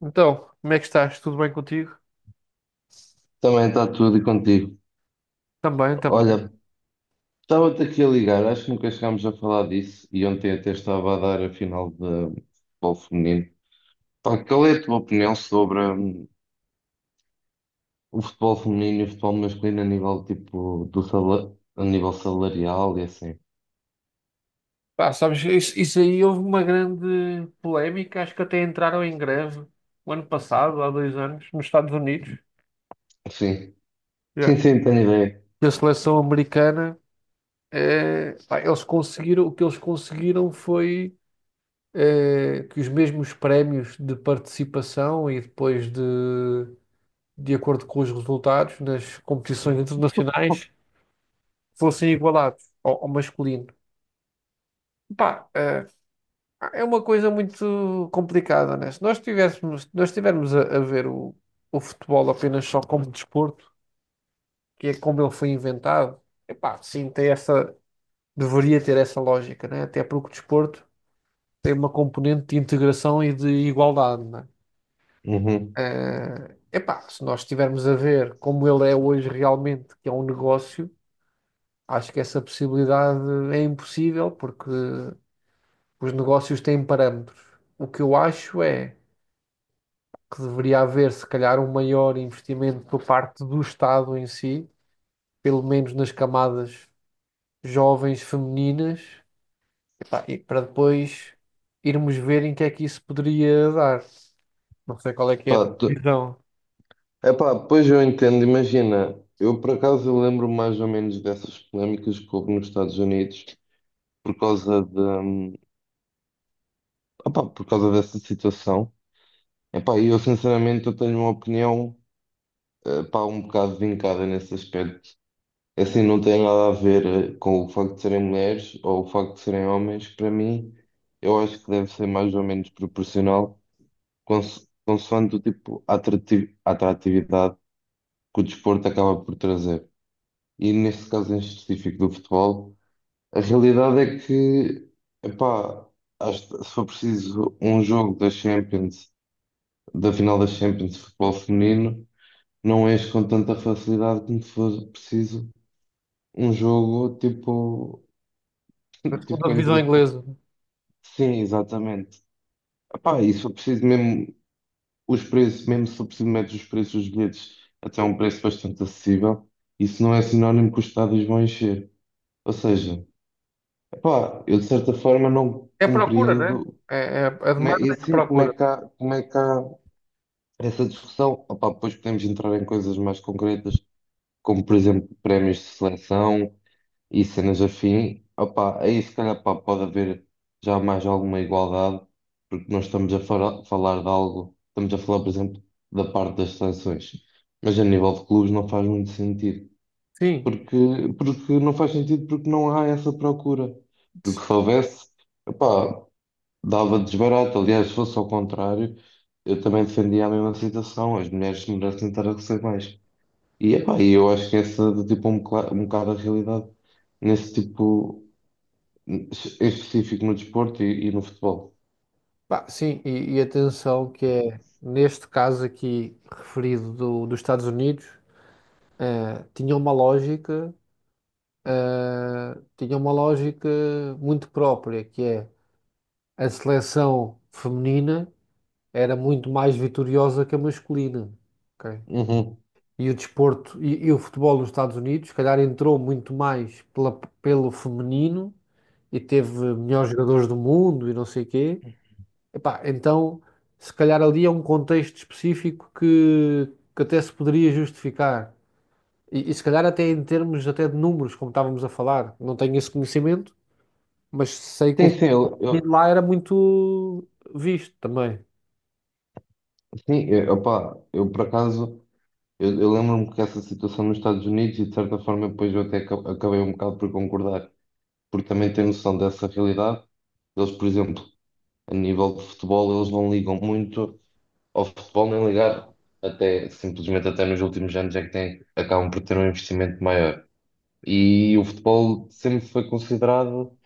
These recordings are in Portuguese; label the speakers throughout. Speaker 1: Então, como é que estás? Tudo bem contigo?
Speaker 2: Também está tudo e contigo.
Speaker 1: Também, também.
Speaker 2: Olha, estava-te aqui a ligar, acho que nunca chegámos a falar disso e ontem até estava a dar a final de futebol feminino. Pá, qual é a tua opinião sobre o futebol feminino e o futebol masculino a nível tipo a nível salarial e assim?
Speaker 1: Pá, sabes, isso aí houve uma grande polémica, acho que até entraram em greve o ano passado, há 2 anos, nos Estados Unidos.
Speaker 2: Sim,
Speaker 1: Yeah.
Speaker 2: sim, sim, tenho ideia.
Speaker 1: E a seleção americana, pá, o que eles conseguiram foi que os mesmos prémios de participação e depois de acordo com os resultados nas competições internacionais fossem igualados ao masculino. Pá, é uma coisa muito complicada, né? Se nós estivermos a ver o futebol apenas só como desporto, que é como ele foi inventado, epá, sim, tem essa, deveria ter essa lógica, né? Até porque o desporto tem uma componente de integração e de igualdade, né?
Speaker 2: Uhum.
Speaker 1: Epá, se nós estivermos a ver como ele é hoje realmente, que é um negócio, acho que essa possibilidade é impossível, porque os negócios têm parâmetros. O que eu acho é que deveria haver, se calhar, um maior investimento por parte do Estado em si, pelo menos nas camadas jovens femininas, epá, e para depois irmos ver em que é que isso poderia dar. Não sei qual é que é a
Speaker 2: Pá, tu...
Speaker 1: divisão,
Speaker 2: Epá, pois eu entendo, imagina, eu por acaso eu lembro mais ou menos dessas polémicas que houve nos Estados Unidos por causa de, hum, por causa dessa situação. Epá, eu sinceramente eu tenho uma opinião pá, um bocado vincada nesse aspecto. É assim, não tem nada a ver com o facto de serem mulheres ou o facto de serem homens. Para mim, eu acho que deve ser mais ou menos proporcional, consoante o tipo atratividade que o desporto acaba por trazer. E neste caso em específico do futebol, a realidade é que, epá, acho que se for preciso um jogo da Champions, da final da Champions de futebol feminino. Não és com tanta facilidade como se fosse preciso um jogo tipo,
Speaker 1: da segunda
Speaker 2: tipo entre
Speaker 1: divisão
Speaker 2: o... po-
Speaker 1: inglesa.
Speaker 2: Sim, exatamente. Epá, e se for preciso mesmo os preços, mesmo se for preciso metes os preços dos bilhetes até um preço bastante acessível, isso não é sinónimo que os estádios vão encher. Ou seja, epá, eu de certa forma não
Speaker 1: É a procura, né?
Speaker 2: compreendo
Speaker 1: É, é a
Speaker 2: como é, e
Speaker 1: demanda e a
Speaker 2: assim,
Speaker 1: procura.
Speaker 2: como é que há essa discussão. Opá, depois podemos entrar em coisas mais concretas, como por exemplo prémios de seleção e cenas afim, opa, aí se calhar pá, pode haver já mais alguma igualdade, porque nós estamos a falar de algo, estamos a falar, por exemplo, da parte das sanções, mas a nível de clubes não faz muito sentido,
Speaker 1: Sim,
Speaker 2: porque, porque não faz sentido porque não há essa procura, porque se houvesse, opá, dava desbarato, aliás, se fosse ao contrário, eu também defendia a mesma situação, as mulheres merecem estar a receber mais. E, epá, e eu acho que essa é tipo um bocado a realidade nesse tipo. Em específico no desporto e no futebol.
Speaker 1: pá, sim, e atenção que é, neste caso aqui referido dos Estados Unidos, eh, tinha uma lógica tinha uma lógica muito própria, que é a seleção feminina era muito mais vitoriosa que a masculina. Ok?
Speaker 2: Uhum.
Speaker 1: E o desporto e o futebol nos Estados Unidos, se calhar, entrou muito mais pelo feminino e teve melhores jogadores do mundo e não sei quê. Epá, então, se calhar ali é um contexto específico que até se poderia justificar. E se calhar até em termos até de números, como estávamos a falar, não tenho esse conhecimento, mas sei que
Speaker 2: Sim,
Speaker 1: o
Speaker 2: sim,
Speaker 1: de lá era muito visto também.
Speaker 2: sim, eu, opá, eu por acaso, eu lembro-me que essa situação nos Estados Unidos e de certa forma depois eu até acabei um bocado por concordar, porque também tenho noção dessa realidade. Eles, por exemplo, a nível de futebol, eles não ligam muito ao futebol, nem ligar até, simplesmente até nos últimos anos é que têm, acabam por ter um investimento maior. E o futebol sempre foi considerado.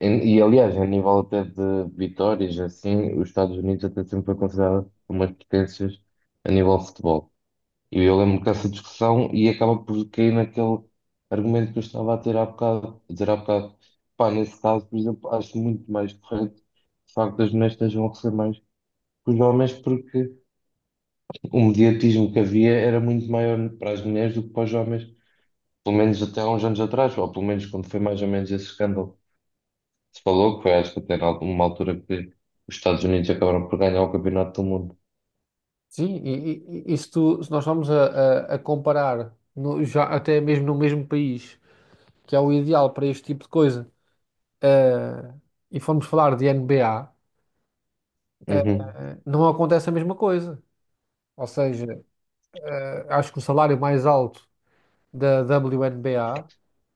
Speaker 2: Aliás, a nível até de vitórias, assim, os Estados Unidos até sempre foi considerado umas potências a nível de futebol. E eu lembro dessa discussão e acaba por cair naquele argumento que eu estava a ter há bocado, a dizer há bocado. Pá, nesse caso, por exemplo, acho muito mais correto, de facto, as mulheres estejam a receber mais que os homens, porque o mediatismo que havia era muito maior para as mulheres do que para os homens, pelo menos até há uns anos atrás, ou pelo menos quando foi mais ou menos esse escândalo se falou que foi, acho que até era uma altura que os Estados Unidos acabaram por ganhar o Campeonato do Mundo.
Speaker 1: Sim, e isto, se nós vamos a comparar, já até mesmo no mesmo país, que é o ideal para este tipo de coisa, eh, e formos falar de NBA, eh,
Speaker 2: Uhum.
Speaker 1: não acontece a mesma coisa. Ou seja, acho que o salário mais alto da WNBA,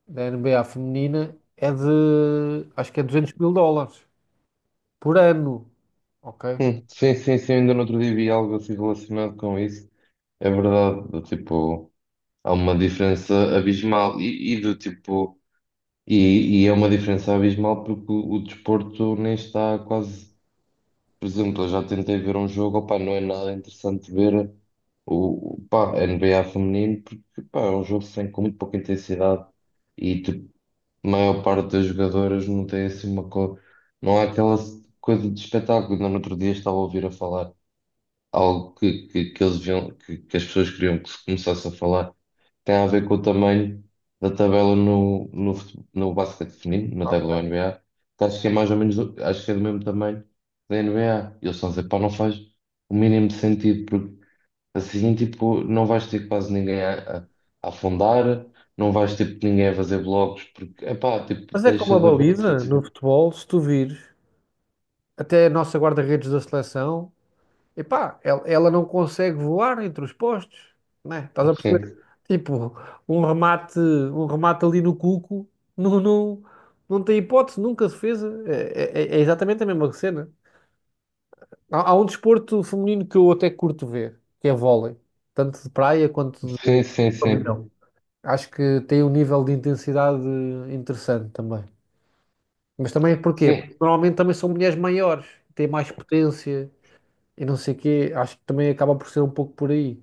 Speaker 1: da NBA feminina, é de, acho que é 200 mil dólares por ano, ok?
Speaker 2: Sim, sim, sim, ainda no outro dia vi algo assim relacionado com isso. É verdade, do tipo, há uma diferença abismal e do tipo, é uma diferença abismal porque o desporto nem está quase, por exemplo, eu já tentei ver um jogo, opá, não é nada interessante ver o, pá, N B a NBA feminino porque, pá, é um jogo sem, com muito pouca intensidade. E, tipo, a maior parte das jogadoras não tem assim uma co... não há aquela coisa de espetáculo. Ainda no outro dia estava a ouvir a falar algo que eles viam, que as pessoas queriam que se começasse a falar. Tem a ver com o tamanho da tabela no basquete feminino, na tabela WNBA, que acho que é mais ou menos, acho que é do mesmo tamanho da NBA. E eles estão a dizer, pá, não faz o mínimo de sentido, assim, tipo, não vais ter quase ninguém a afundar, não vais ter ninguém a fazer blogs, porque, epá, tipo,
Speaker 1: Mas é como
Speaker 2: deixa
Speaker 1: a
Speaker 2: de haver
Speaker 1: baliza no
Speaker 2: atletismo.
Speaker 1: futebol, se tu vires, até a nossa guarda-redes da seleção, epá, ela não consegue voar entre os postos, né? Estás a perceber?
Speaker 2: Sim,
Speaker 1: Tipo, um remate ali no cuco, não, não, não tem hipótese, nunca defesa. É exatamente a mesma cena. Há um desporto feminino que eu até curto ver, que é vôlei, tanto de praia quanto de
Speaker 2: sim, sim, sim.
Speaker 1: pavilhão. Acho que tem um nível de intensidade interessante também. Mas também porquê? Porque
Speaker 2: Sim,
Speaker 1: normalmente também são mulheres maiores, têm mais potência e não sei o quê. Acho que também acaba por ser um pouco por aí.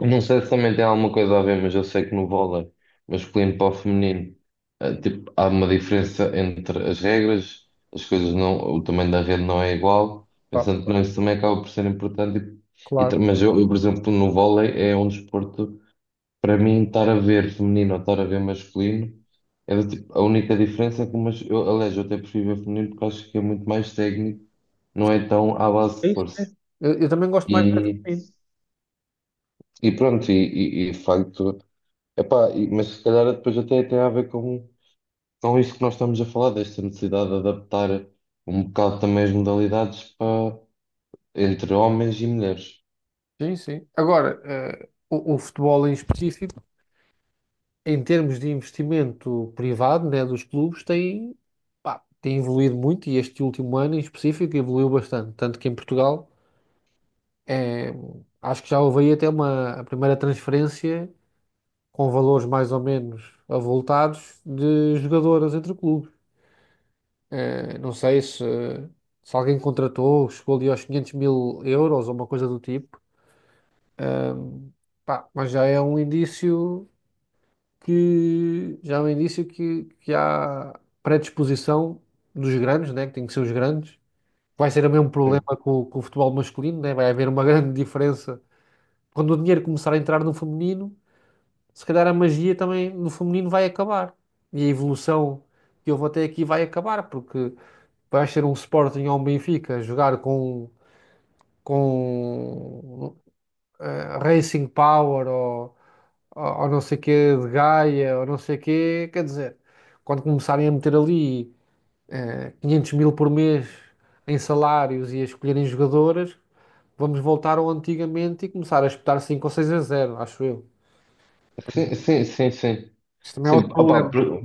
Speaker 2: não sei se também tem alguma coisa a ver, mas eu sei que no vôlei masculino para o feminino, tipo, há uma diferença entre as regras, as coisas não, o tamanho da rede não é igual,
Speaker 1: Pá,
Speaker 2: pensando que não, isso também acaba por ser importante.
Speaker 1: claro.
Speaker 2: Mas eu, por exemplo, no vôlei é um desporto. Para mim, estar a ver feminino ou estar a ver masculino é do tipo, a única diferença é que o mas, eu, aliás, eu até prefiro ver feminino porque acho que é muito mais técnico, não é tão à base
Speaker 1: É
Speaker 2: de
Speaker 1: isso
Speaker 2: força.
Speaker 1: mesmo. Eu também gosto mais de ver
Speaker 2: E,
Speaker 1: feminino.
Speaker 2: e pronto, e de facto, epá, mas se calhar depois até tem a ver com isto que nós estamos a falar, desta necessidade de adaptar um bocado também as modalidades para, entre homens e mulheres.
Speaker 1: Sim, sim. Agora, o futebol em específico, em termos de investimento privado, né, dos clubes, tem, pá, tem evoluído muito e este último ano em específico evoluiu bastante. Tanto que em Portugal, eh, acho que já houve aí até a primeira transferência, com valores mais ou menos avultados de jogadoras entre clubes. Não sei se alguém contratou, chegou ali aos 500 mil euros ou uma coisa do tipo. Pá, mas já é um indício que há predisposição dos grandes, né, que tem que ser os grandes. Vai ser o mesmo problema com o futebol masculino, né? Vai haver uma grande diferença quando o dinheiro começar a entrar no feminino se calhar a magia também no feminino vai acabar. E a evolução que houve até aqui vai acabar, porque vai ser um Sporting ou um Benfica a jogar com Racing Power ou não sei quê de Gaia ou não sei quê. Quer dizer, quando começarem a meter ali 500 mil por mês em salários e a escolherem jogadoras, vamos voltar ao antigamente e começar a espetar 5 ou 6 a 0 acho eu.
Speaker 2: Sim, sim, sim, sim. Sim.
Speaker 1: Isso também é
Speaker 2: Sim,
Speaker 1: outro
Speaker 2: opá,
Speaker 1: problema.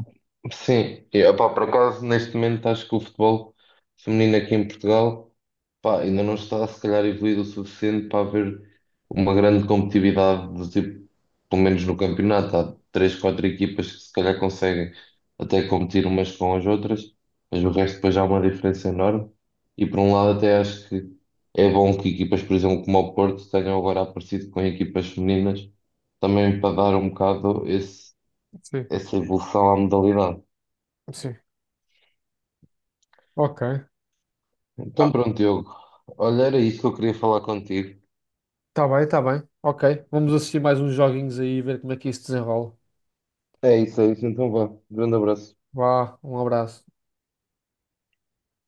Speaker 2: sim, e, opá, por acaso neste momento acho que o futebol feminino aqui em Portugal pá, ainda não está se calhar evoluído o suficiente para haver uma grande competitividade, do tipo, pelo menos no campeonato, há três, quatro equipas que se calhar conseguem até competir umas com as outras, mas o resto depois há uma diferença enorme e por um lado até acho que é bom que equipas, por exemplo, como o Porto tenham agora aparecido com equipas femininas também para dar um bocado esse
Speaker 1: Sim,
Speaker 2: essa evolução à modalidade.
Speaker 1: sim. Ok.
Speaker 2: Então pronto, Diogo. Olha, era isso que eu queria falar contigo.
Speaker 1: Tá bem, tá bem. Ok. Vamos assistir mais uns joguinhos aí e ver como é que isso desenrola.
Speaker 2: É isso, é isso. Então vá. Grande abraço.
Speaker 1: Vá, um abraço.